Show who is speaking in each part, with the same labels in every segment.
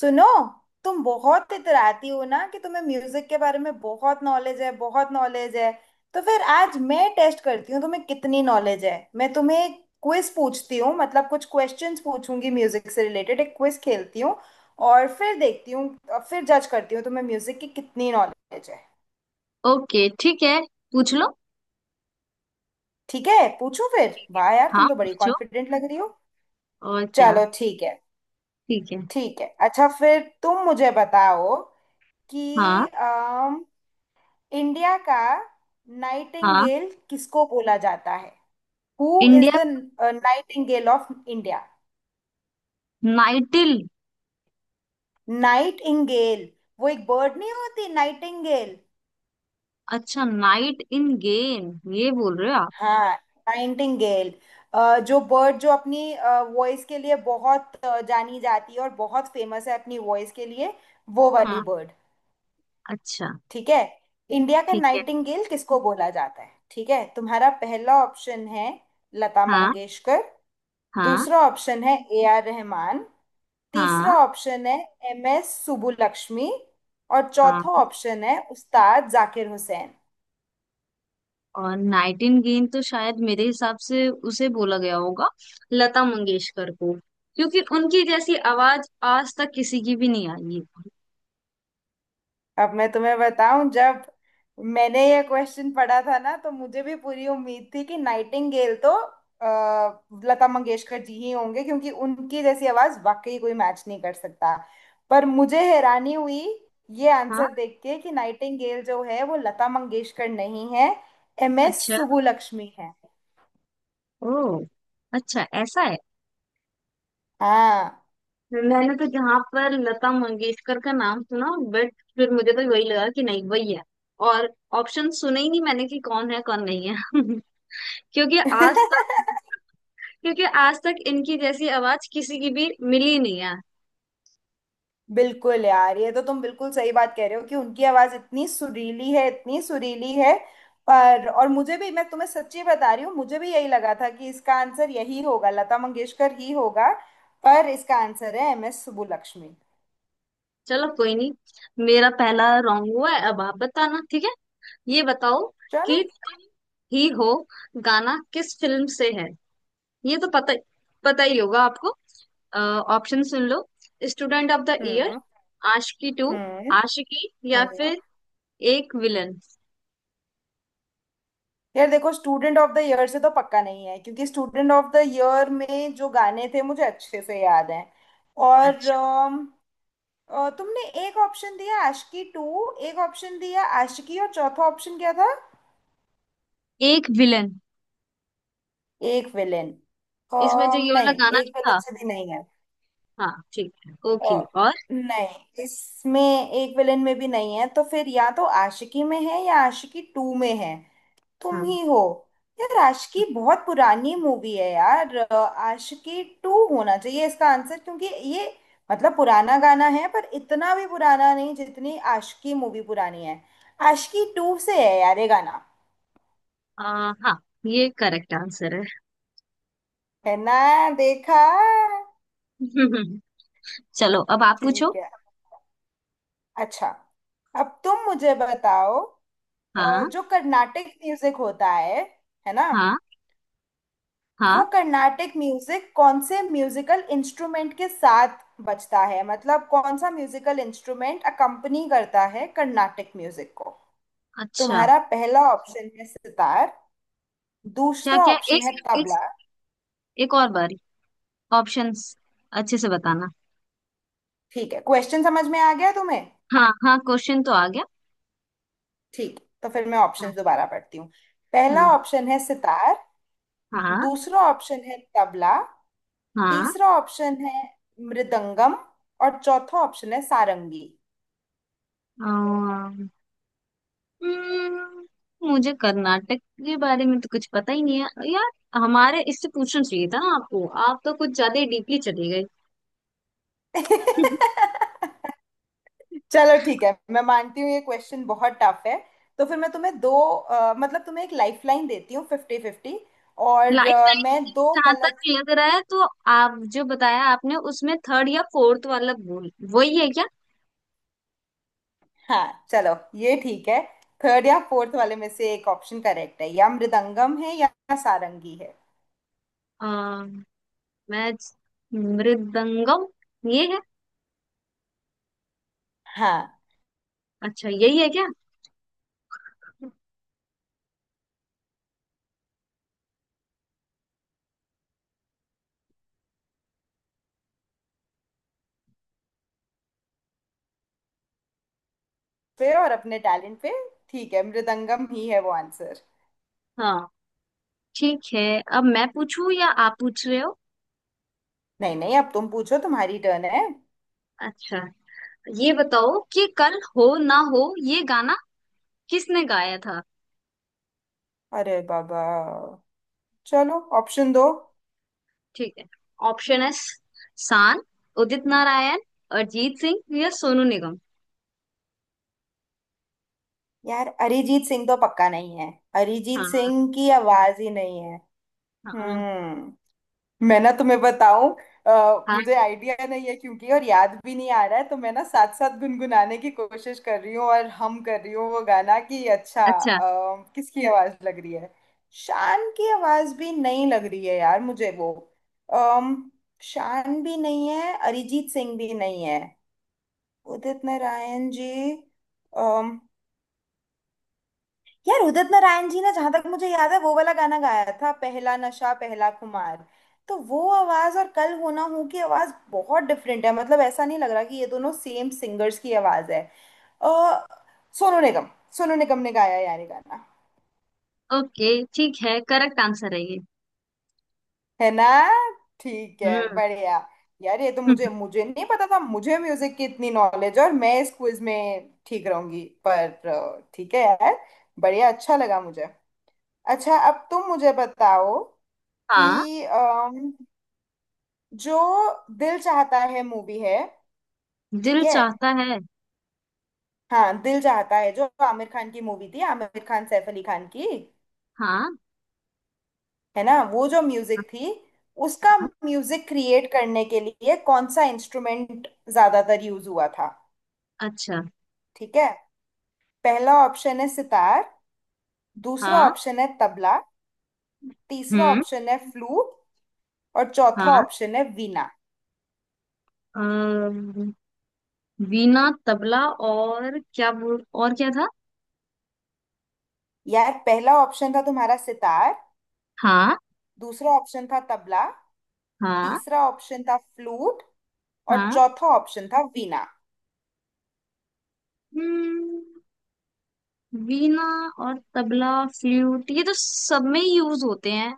Speaker 1: सुनो। तुम बहुत इतराती हो ना कि तुम्हें म्यूजिक के बारे में बहुत नॉलेज है, बहुत नॉलेज है। तो फिर आज मैं टेस्ट करती हूँ तुम्हें कितनी नॉलेज है। मैं तुम्हें एक क्विज पूछती हूँ, मतलब कुछ क्वेश्चंस पूछूंगी म्यूजिक से रिलेटेड, एक क्विज खेलती हूँ और फिर देखती हूँ और फिर जज करती हूँ तुम्हें म्यूजिक की कितनी नॉलेज है।
Speaker 2: ओके, ठीक है। पूछ लो।
Speaker 1: ठीक है, पूछूं फिर?
Speaker 2: ठीक है,
Speaker 1: वाह यार,
Speaker 2: हाँ
Speaker 1: तुम तो बड़ी
Speaker 2: पूछो।
Speaker 1: कॉन्फिडेंट लग रही हो।
Speaker 2: और क्या।
Speaker 1: चलो ठीक है।
Speaker 2: ठीक है।
Speaker 1: ठीक है, अच्छा फिर तुम मुझे बताओ कि
Speaker 2: हाँ
Speaker 1: इंडिया का
Speaker 2: हाँ।
Speaker 1: नाइटिंगेल किसको बोला जाता है? हु इज
Speaker 2: इंडिया
Speaker 1: द
Speaker 2: का
Speaker 1: नाइटिंगेल ऑफ इंडिया?
Speaker 2: नाइटिल।
Speaker 1: नाइटिंगेल, वो एक बर्ड नहीं होती नाइटिंगेल?
Speaker 2: अच्छा, नाइट इन गेम ये बोल रहे हो आप।
Speaker 1: हाँ नाइटिंगेल, जो बर्ड जो अपनी वॉइस के लिए बहुत जानी जाती है और बहुत फेमस है अपनी वॉइस के लिए, वो वाली
Speaker 2: हाँ,
Speaker 1: बर्ड।
Speaker 2: अच्छा
Speaker 1: ठीक है, इंडिया का
Speaker 2: ठीक है।
Speaker 1: नाइटिंगेल किसको बोला जाता है? ठीक है, तुम्हारा पहला ऑप्शन है लता
Speaker 2: हाँ
Speaker 1: मंगेशकर,
Speaker 2: हाँ।
Speaker 1: दूसरा ऑप्शन है ए आर रहमान,
Speaker 2: हाँ
Speaker 1: तीसरा ऑप्शन है एम एस सुबुलक्ष्मी, और
Speaker 2: हाँ।
Speaker 1: चौथा ऑप्शन है उस्ताद जाकिर हुसैन।
Speaker 2: और नाइट इन गेम तो शायद मेरे हिसाब से उसे बोला गया होगा लता मंगेशकर को, क्योंकि उनकी जैसी आवाज आज तक किसी की भी नहीं आई है।
Speaker 1: अब मैं तुम्हें बताऊं, जब मैंने ये क्वेश्चन पढ़ा था ना तो मुझे भी पूरी उम्मीद थी कि नाइटिंगेल तो लता मंगेशकर जी ही होंगे क्योंकि उनकी जैसी आवाज वाकई कोई मैच नहीं कर सकता। पर मुझे हैरानी हुई ये
Speaker 2: हाँ,
Speaker 1: आंसर देख के कि नाइटिंगेल जो है वो लता मंगेशकर नहीं है, एम एस
Speaker 2: अच्छा।
Speaker 1: सुबुलक्ष्मी है।
Speaker 2: ओ, अच्छा ऐसा है।
Speaker 1: हाँ।
Speaker 2: मैंने तो जहां पर लता मंगेशकर का नाम सुना, बट फिर मुझे तो वही लगा कि नहीं, वही है। और ऑप्शन सुने ही नहीं मैंने कि कौन है कौन नहीं है क्योंकि आज तक क्योंकि आज तक इनकी जैसी आवाज किसी की भी मिली ही नहीं है।
Speaker 1: बिल्कुल यार, ये तो तुम बिल्कुल सही बात कह रहे हो कि उनकी आवाज इतनी सुरीली है, इतनी सुरीली है। पर और मुझे भी, मैं तुम्हें सच्ची बता रही हूँ, मुझे भी यही लगा था कि इसका आंसर यही होगा, लता मंगेशकर ही होगा। पर इसका आंसर है एम एस सुब्बुलक्ष्मी।
Speaker 2: चलो, कोई नहीं। मेरा पहला रॉन्ग हुआ है। अब आप बताना, ठीक है। ये बताओ
Speaker 1: चलो।
Speaker 2: कि तुम ही हो गाना किस फिल्म से है। ये तो पता पता ही होगा आपको। ऑप्शन सुन लो। स्टूडेंट ऑफ द ईयर,
Speaker 1: हम्म
Speaker 2: आशिकी टू,
Speaker 1: हम्म
Speaker 2: आशिकी, या
Speaker 1: हम्म
Speaker 2: फिर एक विलन।
Speaker 1: यार देखो, स्टूडेंट ऑफ द ईयर से तो पक्का नहीं है क्योंकि स्टूडेंट ऑफ द ईयर में जो गाने थे मुझे अच्छे से याद हैं। और
Speaker 2: अच्छा,
Speaker 1: तुमने एक ऑप्शन दिया आशिकी टू, एक ऑप्शन दिया आशिकी, और चौथा ऑप्शन क्या था,
Speaker 2: एक विलन
Speaker 1: एक विलेन।
Speaker 2: इसमें जो ये वाला
Speaker 1: नहीं,
Speaker 2: गाना नहीं
Speaker 1: एक विलेन
Speaker 2: था।
Speaker 1: से भी नहीं है।
Speaker 2: हाँ ठीक है, ओके।
Speaker 1: अ,
Speaker 2: और
Speaker 1: नहीं इसमें एक विलेन में भी नहीं है, तो फिर या तो आशिकी में है या आशिकी टू में है। तुम
Speaker 2: हाँ।
Speaker 1: ही हो। यार आशिकी बहुत पुरानी मूवी है यार, आशिकी टू होना चाहिए इसका आंसर क्योंकि ये मतलब पुराना गाना है पर इतना भी पुराना नहीं जितनी आशिकी मूवी पुरानी है। आशिकी टू से है यार ये गाना।
Speaker 2: आ, हाँ ये करेक्ट आंसर है।
Speaker 1: है ना? देखा।
Speaker 2: चलो, अब आप पूछो।
Speaker 1: ठीक है, अच्छा अब तुम मुझे बताओ,
Speaker 2: हाँ।
Speaker 1: जो कर्नाटिक म्यूजिक होता है ना,
Speaker 2: हाँ।
Speaker 1: वो
Speaker 2: हाँ।
Speaker 1: कर्नाटक म्यूजिक कौन से म्यूजिकल इंस्ट्रूमेंट के साथ बजता है, मतलब कौन सा म्यूजिकल इंस्ट्रूमेंट अकम्पनी करता है कर्नाटक म्यूजिक को?
Speaker 2: अच्छा।
Speaker 1: तुम्हारा पहला ऑप्शन है सितार,
Speaker 2: क्या
Speaker 1: दूसरा
Speaker 2: क्या,
Speaker 1: ऑप्शन
Speaker 2: एक
Speaker 1: है
Speaker 2: सेकंड,
Speaker 1: तबला।
Speaker 2: एक एक और बारी। ऑप्शंस अच्छे से बताना।
Speaker 1: ठीक है, क्वेश्चन समझ में आ गया तुम्हें?
Speaker 2: हाँ हाँ, क्वेश्चन तो आ गया।
Speaker 1: ठीक, तो फिर मैं ऑप्शन
Speaker 2: हाँ।
Speaker 1: दोबारा पढ़ती हूँ। पहला
Speaker 2: हाँ।
Speaker 1: ऑप्शन है सितार, दूसरा ऑप्शन है तबला,
Speaker 2: हाँ।
Speaker 1: तीसरा ऑप्शन है मृदंगम, और चौथा ऑप्शन है सारंगी।
Speaker 2: हाँ, हम्म, मुझे कर्नाटक के बारे में तो कुछ पता ही नहीं है यार। हमारे इससे पूछना चाहिए था ना आपको, आप तो कुछ ज्यादा ही डीपली चले गए।
Speaker 1: चलो ठीक है, मैं मानती हूँ ये क्वेश्चन बहुत टफ है। तो फिर मैं तुम्हें दो, मतलब तुम्हें एक लाइफलाइन देती हूँ फिफ्टी फिफ्टी। और
Speaker 2: लाइफ लाइन।
Speaker 1: मैं
Speaker 2: मुझे
Speaker 1: दो
Speaker 2: जहाँ
Speaker 1: गलत।
Speaker 2: तक लग रहा है तो आप जो बताया आपने, उसमें थर्ड या फोर्थ वाला बोल, वही है क्या।
Speaker 1: हाँ चलो ये ठीक है। थर्ड या फोर्थ वाले में से एक ऑप्शन करेक्ट है, या मृदंगम है या सारंगी है।
Speaker 2: आ, मैं मृदंगम, ये है।
Speaker 1: हाँ
Speaker 2: अच्छा यही है क्या।
Speaker 1: पे और अपने टैलेंट पे। ठीक है, मृदंगम ही है वो आंसर।
Speaker 2: हाँ ठीक है। अब मैं पूछूं या आप पूछ रहे हो।
Speaker 1: नहीं नहीं, अब तुम पूछो, तुम्हारी टर्न है।
Speaker 2: अच्छा, ये बताओ कि कल हो ना हो ये गाना किसने गाया था।
Speaker 1: अरे बाबा, चलो ऑप्शन दो।
Speaker 2: ठीक है, ऑप्शन है शान, उदित नारायण, अरिजीत सिंह, या सोनू निगम।
Speaker 1: यार अरिजीत सिंह तो पक्का नहीं है, अरिजीत
Speaker 2: हाँ।
Speaker 1: सिंह की आवाज ही नहीं है।
Speaker 2: हाँ।
Speaker 1: हम्म। मैं ना तुम्हें बताऊं,
Speaker 2: हाँ,
Speaker 1: मुझे आइडिया नहीं है क्योंकि और याद भी नहीं आ रहा है, तो मैं ना साथ साथ गुनगुनाने की कोशिश कर रही हूँ और हम कर रही हूँ वो गाना कि अच्छा
Speaker 2: अच्छा।
Speaker 1: किसकी आवाज लग रही है। शान की आवाज भी नहीं लग रही है यार मुझे वो। अम, शान भी नहीं है, अरिजीत सिंह भी नहीं है, उदित नारायण जी, यार उदित नारायण जी ने जहां तक मुझे याद है वो वाला गाना गाया था पहला नशा पहला खुमार। तो वो आवाज और कल होना हो की आवाज बहुत डिफरेंट है, मतलब ऐसा नहीं लग रहा कि ये दोनों सेम सिंगर्स की आवाज है। अ, सोनू निगम, सोनू निगम ने गाया यार ये गाना।
Speaker 2: ओके, ठीक है, करेक्ट आंसर है ये।
Speaker 1: है ना? ठीक है
Speaker 2: हम्म।
Speaker 1: बढ़िया। यार ये तो मुझे मुझे नहीं पता था, मुझे म्यूजिक की इतनी नॉलेज और मैं इस क्विज में ठीक रहूंगी, पर ठीक है यार, बढ़िया अच्छा लगा मुझे। अच्छा अब तुम मुझे बताओ
Speaker 2: हाँ,
Speaker 1: कि जो दिल चाहता है मूवी है, ठीक
Speaker 2: दिल
Speaker 1: है,
Speaker 2: चाहता है।
Speaker 1: हाँ दिल चाहता है जो आमिर खान की मूवी थी, आमिर खान सैफ अली खान की,
Speaker 2: हाँ।
Speaker 1: है ना, वो जो म्यूजिक थी उसका,
Speaker 2: हाँ।
Speaker 1: म्यूजिक क्रिएट करने के लिए कौन सा इंस्ट्रूमेंट ज्यादातर यूज हुआ था?
Speaker 2: अच्छा।
Speaker 1: ठीक है, पहला ऑप्शन है सितार, दूसरा
Speaker 2: हाँ।
Speaker 1: ऑप्शन है तबला, तीसरा
Speaker 2: हम्म।
Speaker 1: ऑप्शन है फ्लूट, और चौथा
Speaker 2: हाँ।
Speaker 1: ऑप्शन है वीणा।
Speaker 2: अम, वीणा, तबला, और क्या बोल, और क्या था।
Speaker 1: यार पहला ऑप्शन था तुम्हारा सितार,
Speaker 2: हाँ।
Speaker 1: दूसरा ऑप्शन था तबला,
Speaker 2: हाँ।
Speaker 1: तीसरा ऑप्शन था फ्लूट, और
Speaker 2: हाँ।
Speaker 1: चौथा ऑप्शन था वीणा।
Speaker 2: हम्म। वीणा और तबला फ्लूट, ये तो सब में यूज होते हैं।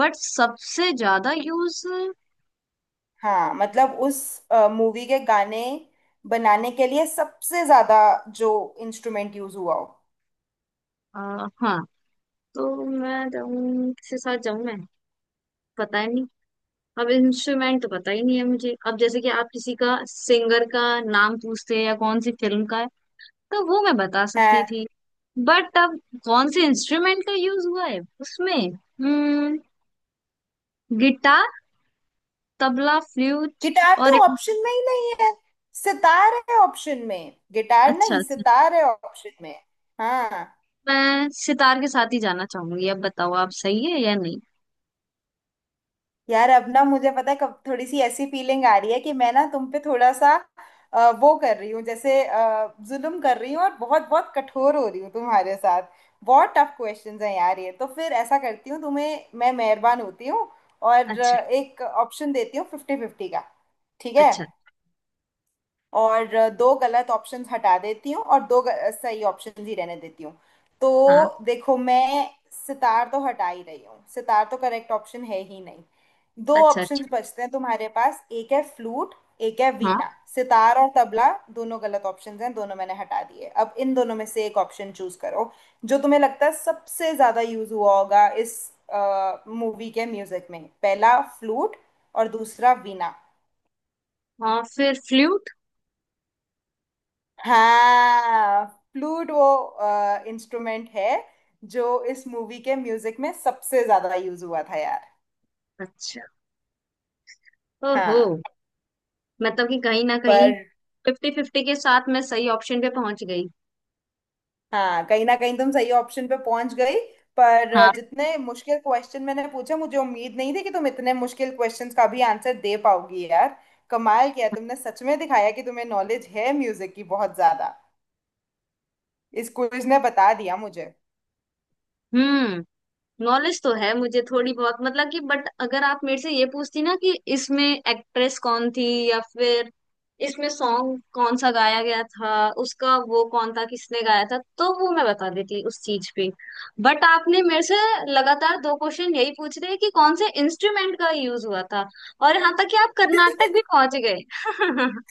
Speaker 2: बट सबसे ज्यादा यूज।
Speaker 1: हाँ मतलब उस मूवी के गाने बनाने के लिए सबसे ज्यादा जो इंस्ट्रूमेंट यूज हुआ हो।
Speaker 2: हाँ, तो मैं जाऊँ, किसके साथ जाऊँ मैं, पता ही नहीं। अब इंस्ट्रूमेंट तो पता ही नहीं है मुझे। अब जैसे कि आप किसी का सिंगर का नाम पूछते हैं या कौन सी फिल्म का है, तो वो मैं बता
Speaker 1: है।
Speaker 2: सकती थी। बट अब कौन से इंस्ट्रूमेंट का यूज हुआ है उसमें, हम्म, गिटार, तबला, फ्लूट
Speaker 1: गिटार
Speaker 2: और एक।
Speaker 1: तो ऑप्शन में ही नहीं है, सितार है ऑप्शन में, गिटार
Speaker 2: अच्छा
Speaker 1: नहीं
Speaker 2: अच्छा।
Speaker 1: सितार है ऑप्शन में। हाँ।
Speaker 2: मैं सितार के साथ ही जाना चाहूंगी, अब बताओ आप, सही है या नहीं।
Speaker 1: यार अब ना मुझे पता है, कब थोड़ी सी ऐसी फीलिंग आ रही है कि मैं ना तुम पे थोड़ा सा वो कर रही हूँ, जैसे जुल्म कर रही हूँ और बहुत बहुत कठोर हो रही हूँ तुम्हारे साथ। बहुत टफ क्वेश्चंस हैं यार ये तो। फिर ऐसा करती हूँ, तुम्हें मैं मेहरबान होती हूँ और
Speaker 2: अच्छा
Speaker 1: एक ऑप्शन देती हूँ फिफ्टी फिफ्टी का। ठीक है,
Speaker 2: अच्छा।
Speaker 1: और दो गलत ऑप्शंस हटा देती हूँ और दो सही ऑप्शंस ही रहने देती हूँ।
Speaker 2: हाँ।
Speaker 1: तो देखो मैं सितार तो हटा ही रही हूँ, सितार तो करेक्ट ऑप्शन है ही नहीं। दो
Speaker 2: अच्छा अच्छा।
Speaker 1: ऑप्शंस बचते हैं तुम्हारे पास, एक है फ्लूट, एक है
Speaker 2: हाँ।
Speaker 1: वीणा। सितार और तबला दोनों गलत ऑप्शंस हैं, दोनों मैंने हटा दिए। अब इन दोनों में से एक ऑप्शन चूज करो जो तुम्हें लगता है सबसे ज्यादा यूज हुआ होगा इस मूवी के म्यूजिक में, पहला फ्लूट और दूसरा वीणा।
Speaker 2: हाँ फिर फ्लूट।
Speaker 1: हाँ, फ्लूट वो इंस्ट्रूमेंट है जो इस मूवी के म्यूजिक में सबसे ज्यादा यूज हुआ था यार।
Speaker 2: अच्छा, ओहो।
Speaker 1: हाँ
Speaker 2: मतलब कि कहीं ना कहीं
Speaker 1: पर।
Speaker 2: फिफ्टी फिफ्टी के साथ मैं सही ऑप्शन पे पहुंच गई।
Speaker 1: हाँ, कहीं ना कहीं तुम सही ऑप्शन पे पहुंच गई। पर
Speaker 2: हाँ।
Speaker 1: जितने मुश्किल क्वेश्चन मैंने पूछे, मुझे उम्मीद नहीं थी कि तुम इतने मुश्किल क्वेश्चंस का भी आंसर दे पाओगी यार। कमाल किया तुमने, सच में दिखाया कि तुम्हें नॉलेज है म्यूजिक की बहुत ज्यादा, इस क्विज ने बता दिया मुझे।
Speaker 2: हम्म। नॉलेज तो है मुझे थोड़ी बहुत, मतलब कि, बट अगर आप मेरे से ये पूछती ना कि इसमें एक्ट्रेस कौन थी, या फिर इसमें सॉन्ग कौन सा गाया गया था, उसका वो कौन था, किसने गाया था, तो वो मैं बता देती उस चीज पे। बट आपने मेरे से लगातार दो क्वेश्चन यही पूछ रहे हैं कि कौन से इंस्ट्रूमेंट का यूज हुआ था। और यहाँ तक कि आप कर्नाटक भी पहुंच गए। क्योंकि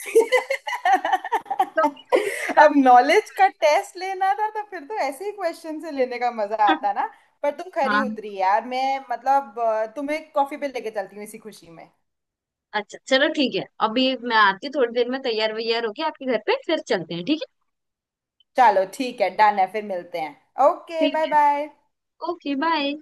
Speaker 2: कभी वो
Speaker 1: अब
Speaker 2: गाने।
Speaker 1: नॉलेज का टेस्ट लेना था तो फिर तो ऐसे ही क्वेश्चन से लेने का मजा आता ना। पर तुम खरी
Speaker 2: हाँ,
Speaker 1: उतरी यार, मैं मतलब तुम्हें कॉफी पे लेके चलती हूँ इसी खुशी में।
Speaker 2: अच्छा चलो ठीक है, अभी मैं आती हूँ थोड़ी देर में, तैयार वैयार होके आपके घर पे फिर चलते हैं, ठीक है।
Speaker 1: चलो ठीक है, डन है, फिर मिलते हैं। ओके
Speaker 2: ठीक
Speaker 1: बाय
Speaker 2: है,
Speaker 1: बाय।
Speaker 2: Okay bye.